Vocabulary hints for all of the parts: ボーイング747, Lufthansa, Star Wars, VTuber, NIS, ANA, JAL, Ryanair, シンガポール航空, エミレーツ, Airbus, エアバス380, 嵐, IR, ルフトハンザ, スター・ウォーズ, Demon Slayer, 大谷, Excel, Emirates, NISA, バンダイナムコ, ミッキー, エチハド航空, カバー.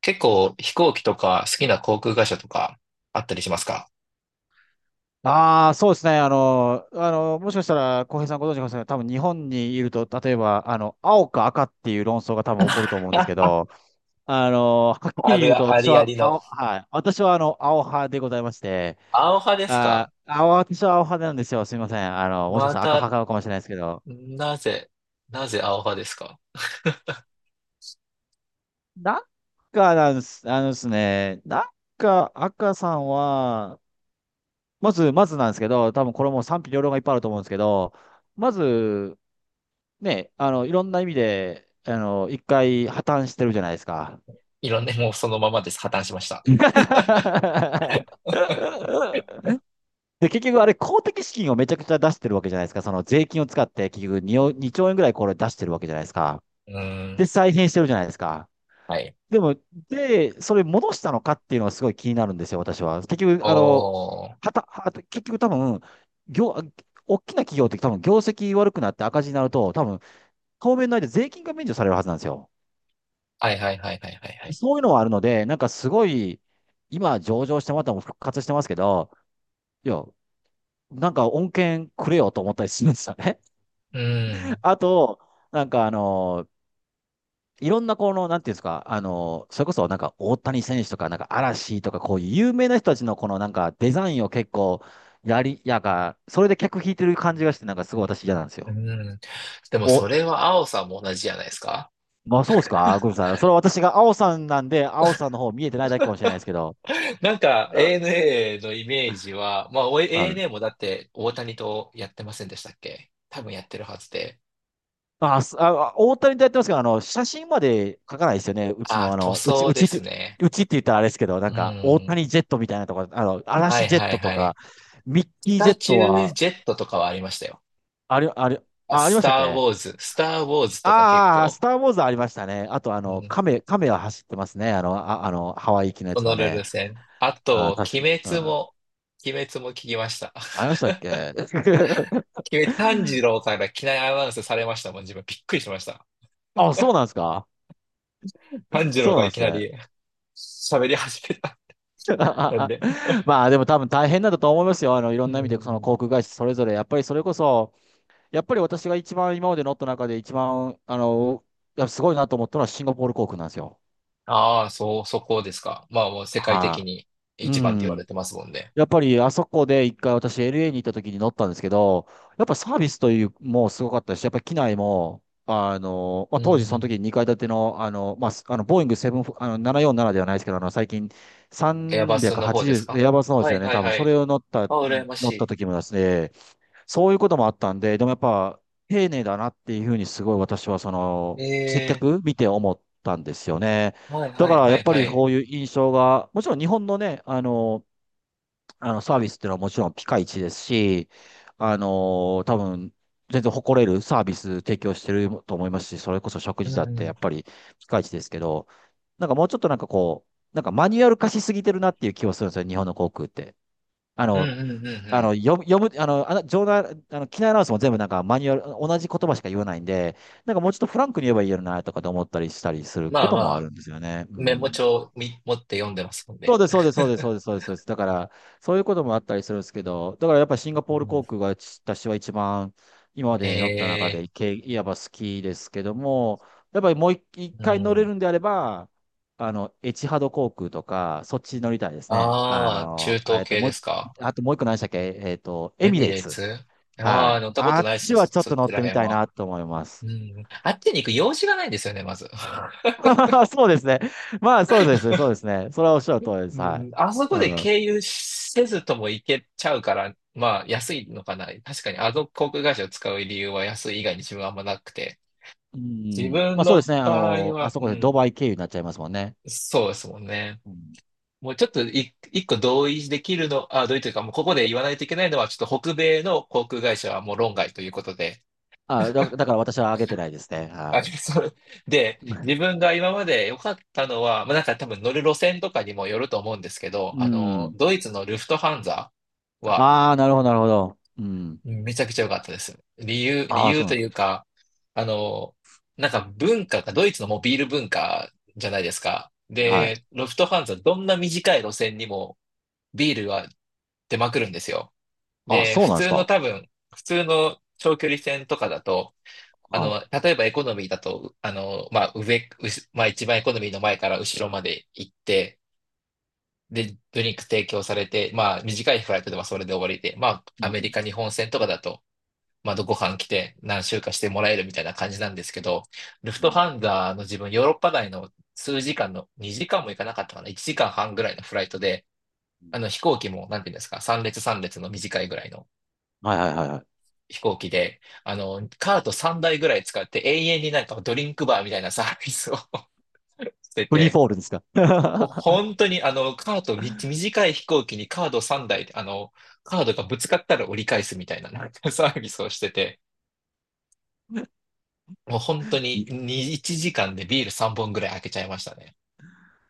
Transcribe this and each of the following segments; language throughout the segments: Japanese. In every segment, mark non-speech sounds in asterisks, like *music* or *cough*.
結構飛行機とか好きな航空会社とかあったりしますか？ああ、そうですね。もしかしたら、浩平さんご存知かもしれない。多分日本にいると、例えば、青か赤っていう論争が多分起こると思うんですあ、けあど、はっきあり言うと、るあ私りあはりの。青、はい。私はあの、青派でございまして、アオハですあか？ー、青、私は青派なんですよ。すみません。あの、もしかしまたら赤た、派かもしれないですけど、なぜ、なぜアオハですか？なんかなんです、なんか赤さんは、まずなんですけど、多分これも賛否両論がいっぱいあると思うんですけど、まず、ね、いろんな意味で、一回破綻してるじゃないですか。いろんな、もうそのままです。破綻しました。*laughs* で、結局あれ公的資金をめちゃくちゃ出してるわけじゃないですか。その税金を使って結局 二兆円ぐらいこれ出してるわけじゃないですか。うーで、ん。再編してるじゃないですか。はい。でも、で、それ戻したのかっていうのがすごい気になるんですよ、私は。結局、おー。はた結局多分、業、大きな企業って多分業績悪くなって赤字になると、多分、当面の間税金が免除されるはずなんですよ。はいはいはいはいはいはい。そういうのはあるので、なんかすごい、今上場してもらったのも復活してますけど、いや、なんか恩恵くれよと思ったりするんですよね。うー *laughs* ん。あと、なんかあの、いろんなこの、なんていうんですか、それこそなんか大谷選手とか、なんか嵐とか、こういう有名な人たちのこのなんかデザインを結構やり、やが、それで客引いてる感じがして、なんかすごい私嫌なんですうよ。ーん。でもお、それは青さんも同じじゃないですか？まあそうですか、ごめんなさい。それは私が青さんなんで、青さんの方見えてないだけかもしれないですけど。なんか *laughs* ANA のイメージは、まあお はい。 ANA もだって大谷とやってませんでしたっけ？多分やってるはずで。あ、すあ、あ大谷とやってますけど、あの、写真まで書かないですよね。あー、塗装うでちっすて、ね。うちって言ったらあれですけど、なうんか、大ん。谷ジェットみたいなとかあの、は嵐いジェッはいトとはか、い。ミッスキージェタッチトューは、ジェットとかはありましたよ。あり、あり、あ、あ、ありましたっけ。スター・ウォーズとか結ああー、ス構、ター・ウォーズありましたね。あと、うん、亀は走ってますね。ハワイ行きのやホつノはルルね。戦。ああー、と、うん。鬼滅も聞きました。ありまし *laughs* たっけ。 鬼滅、炭治郎から機内アナウンスされましたもん、自分びっくりしました。*laughs* あ、そう *laughs* なんですか。炭治そ郎うがなんでいきすなね。り *laughs* 喋り始めた。なんで。*laughs* まあでも多分大変だったと思いますよ。あの、いろうんな意味でそのん。航空会社それぞれ。やっぱりそれこそ、やっぱり私が一番今まで乗った中で一番、やっぱすごいなと思ったのはシンガポール航空なんですよ。ああ、そう、そこですか。まあもう世界的はにい。う一番って言われん。てますもんね。やっぱりあそこで一回私 LA に行った時に乗ったんですけど、やっぱサービスというもうすごかったし、やっぱり機内も、うんうん当時そうの時ん。2階建ての、あの、まあ、すあの、ボーイング7、あの、747ではないですけど、あの、最近エアバスの方です380、か？エアバスのではすよいね、はい多分はそい。れを乗った、あ、羨ま乗しったい。時もですね、そういうこともあったんで、でもやっぱ丁寧だなっていうふうにすごい私はその、接ええ。客見て思ったんですよね。はいだはかいらはやっいぱはりい。こういう印象が、もちろん日本のね、サービスっていうのはもちろんピカイチですし、あの多分、全然誇れるサービス提供してると思いますし、それこそ食う事だっんうてやっん。ぱりピカイチですけど、なんかもうちょっとなんかこう、なんかマニュアル化しすぎてるなっていう気はするんですよ、日本の航空って。あうんの、うんうんうあん。の、読む、読む、あの、あの、場内、あの、機内アナウンスも全部なんかマニュアル、同じ言葉しか言わないんで、なんかもうちょっとフランクに言えばいいよなとかと思ったりしたりするまこあとまもああ、るんですよね。うメモん。帳み持って読んでますもんそうね。です、そうです、そうです、そうです、そうです。そうですだから、そういうこともあったりするんですけど、だからやっぱシンガポール航 *laughs* 空が私は一番今まで乗った中えで、え。けいわば好きですけども、やっぱりもう一一う回乗れん。るんであれば、あの、エチハド航空とか、そっち乗りたいですね。あああ、中の、東えっと、系もでうすか。一、あともう一個何でしたっけ。えっと、エエミミレーレーツ。ツ。ああはー、い。乗ったこあとっないですちね、そ、はちょっそとっ乗ちっらてみ辺たいは。なと思いまうす。ん。あっちに行く用事がないんですよね、まず。*laughs* *laughs* そうですね。そうですね。それはおっしゃる通りでうす。はん、い。あそこうでん。経由せずとも行けちゃうから、まあ安いのかな。確かにあの航空会社を使う理由は安い以外に自分はあんまなくて。う自ん。ま分あそうでのすね。あ場合の、あは、そうこでドん、バイ経由になっちゃいますもんね。そうですもんね。うん、もうちょっとい一個同意できるの、あ、同意というか、もうここで言わないといけないのは、ちょっと北米の航空会社はもう論外ということで。だから私は上げてないですね。あ、はそう。で、い。自分が今まで良かったのは、まあなんか多分乗る路線とかにもよると思うんですけど、うん。ドイツのルフトハンザはああ、なるほど。うん。めちゃくちゃ良かったです。理ああ、由そうなとんでいす。うか、あの、なんか文化が、ドイツのもうビール文化じゃないですか。はい。で、ロフトファンズはどんな短い路線にもビールは出まくるんですよ。ああ、で、そうなんですか。普通の長距離線とかだと、は例えばエコノミーだと、まあ、一番エコノミーの前から後ろまで行って、で、ドリンク提供されて、まあ、短いフライトではそれで終わりで、まい。あ、うアメリん。カ、日本線とかだと、まあ、どこか来て何週かしてもらえるみたいな感じなんですけど、ルフうトん。ハンザの自分、ヨーロッパ内の数時間の、2時間も行かなかったかな、1時間半ぐらいのフライトで、うん。あの飛行機も、なんていうんですか、3列3列の短いぐらいのはい、はい、はい、はい。飛行機で、カート3台ぐらい使って永遠になんかドリンクバーみたいなサービスを *laughs* してフリーて、フォールですか。*laughs* 本当にあの、カートみ、短い飛行機にカード3台、カードがぶつかったら折り返すみたいな、なんかサービスをしてて、もう本当にび2、1時間でビール3本ぐらい開けちゃいましたね。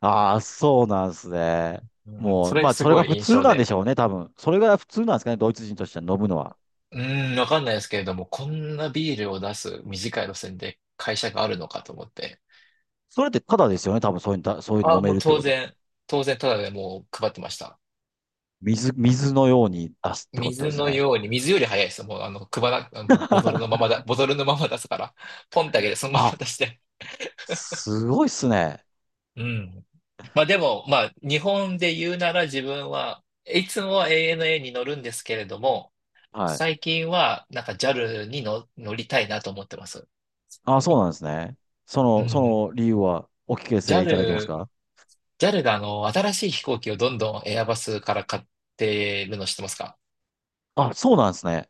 ああ、そうなんですね。うん、もそう、れまあ、すそれごがい普印通象なんでで。しょうね、多分。それが普通なんですかね、ドイツ人としては飲むのは。うん、わかんないですけれども、こんなビールを出す短い路線で会社があるのかと思って。それってただですよね、多分そういうの、そういうのあ、飲めもうるって当ことは。然、ただでもう配ってました。水のように出すってことで水すのね。ように、水より早いです。もうあの、配ら、あのボトルのまま *laughs* だ、ボトルのまま出すから、ポンってあげてそのまあ、ま出して。すごいっすね。うん。まあでも、まあ、日本で言うなら自分はいつもは ANA に乗るんですけれども、はい。最近は、なんか JAL にの乗りたいなと思ってます。あ、そうなんですね。そうの、そん。の理由はお聞かせいただけます JAL、か。ジャルが新しい飛行機をどんどんエアバスから買ってるの知ってますか？あ、そうなんですね。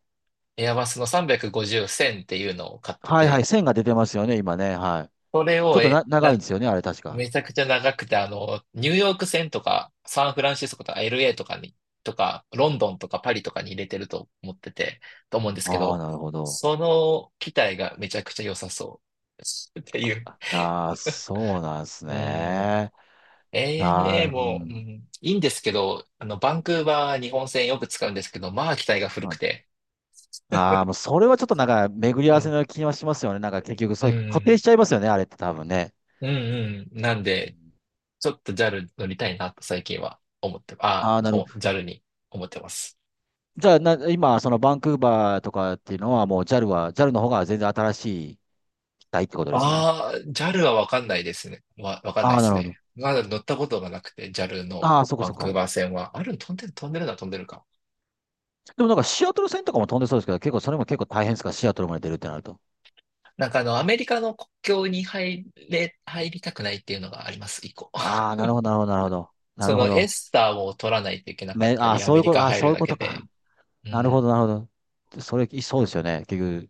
エアバスの350線っていうのを買ってはい、はい。て、線が出てますよね、今ね。はい。それちょっをとえ、な、長ないんん、ですよね、あれ確か。めちゃくちゃ長くて、ニューヨーク線とか、サンフランシスコとか LA とかに、とか、ロンドンとかパリとかに入れてると思ってて、と思うんですけああ、ど、なるほど。その機体がめちゃくちゃ良さそう *laughs* っていう。ああ、そうなんですうん。ね。なあ、ANA うも、うん。ん、いいんですけど、バンクーバー日本線よく使うんですけど、まあ、機体が古くて。ああー、もうそれはちょっとなんか巡り合うわせん、の気はしますよね。なんか結局、うそういう固定ん、しちゃいますよね、あれって多分ね。うん、うん。なんうで、ん。ちょっと JAL 乗りたいなと最近は思って、ああ、JAL に思ってます。じゃあ、今、そのバンクーバーとかっていうのは、もう JAL は、JAL の方が全然新しい機体ってことですね。ああ、JAL はわかんないですね。わかんないあであ、なするほど。ね。まだ乗ったことがなくて、JAL のああ、そこバそンクーこ。バー線は。ある、飛んでる、飛んでるな、飛んでるか。でもなんかシアトル線とかも飛んでそうですけど、結構それも結構大変ですか、シアトルまで出るってなると。なんかアメリカの国境に入りたくないっていうのがあります、一個。ああ、なるほど。なそるほのエど。スターを取らないといけなかったああ、り、アそうメいうリこと、カああ、入そうるいうだこけとで。か。うん。なるほど。それ、そうですよね。結局、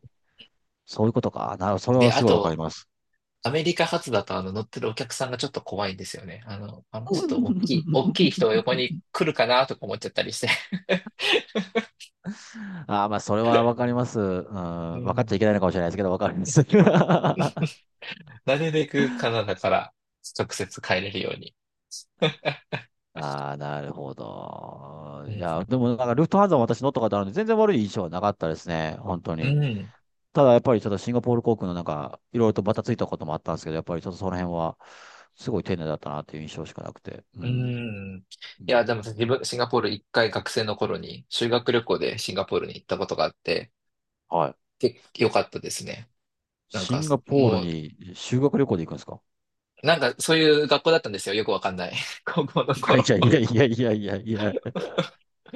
そういうことか。なるほど、それはで、あすごいわかりと、ます。アメリカ発だとあの乗ってるお客さんがちょっと怖いんですよね。ちょっと大 *laughs* きい人が横に来るかなとか思っちゃったりして。ああ、まあ、それ *laughs* はわかります。ううん、わかっちゃいん。けないのかもしれないですけど、わかります。*laughs* なるべくカナダから直接帰れるように。ああ、なるほど。ういや、ん。でもなんかルフトハンザも私乗ったことあるんで、全然悪い印象はなかったですね、本当うに。ん。ただやっぱりちょっとシンガポール航空のなんか、いろいろとバタついたこともあったんですけど、やっぱりちょっとその辺は、すごい丁寧だったなっていう印象しかなくて。ううん。ん。ういや、ん、でも自分、シンガポール一回学生の頃に修学旅行でシンガポールに行ったことがあって、はい。結構良かったですね。なんシか、ンガポールもに修学旅行で行くんですか。なんかそういう学校だったんですよ。よくわかんない。*laughs* 高校のはい、い頃。やいやいやいやいやいや。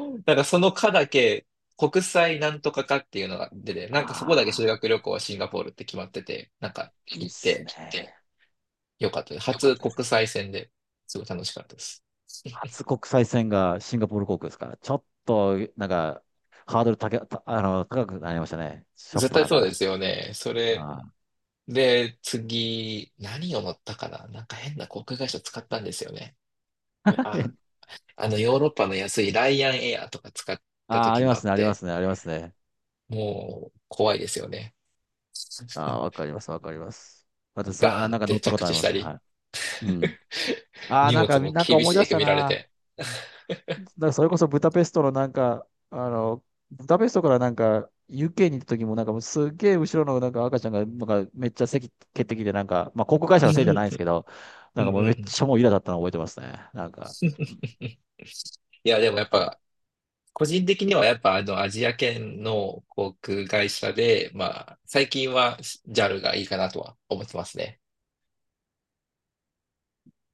なんかその科だけ、国際なんとか科っていうのが出て、なんかそこだけ修ああ、学旅行はシンガポールって決まってて、なんかいいっ行っすね。てよかったです。初国際線ですごい楽しかったです。*laughs* 初国際線がシンガポール航空ですから、ちょっとなんか、ハードル高け、たあの、高くなりましたね。しょっ絶ぱ対なそがうでら。すよね。それあで、次、何を乗ったかななんか変な航空会社使ったんですよね。あ、ー。 あのヨーロッパの安いライアンエアとか使っ *laughs* たあー、あ時りもまあっすね、ありまて、すね、ありますね。もう怖いですよね。ああ、わかります、わかります。私、ガーンっなんか乗てったこ着とあ地りしまたす。り、はい。うん。*laughs* ああ、荷なん物か、もなんか厳思い出ししくた見られな。て。*laughs* なんからそれこそブダペストのなんか、あの、ブダペストからなんか、UK に行った時もなんかもうすっげえ後ろのなんか赤ちゃんがなんかめっちゃ席蹴ってきてなんか、まあ航空会社うのせいじゃんないんですけど、なうんかんもううめっん。 ちゃもうイラだったの覚えてますね。なんか、*laughs* いや、でもやっぱ、個人的にはやっぱあのアジア圏の航空会社で、まあ、最近は JAL がいいかなとは思ってますね。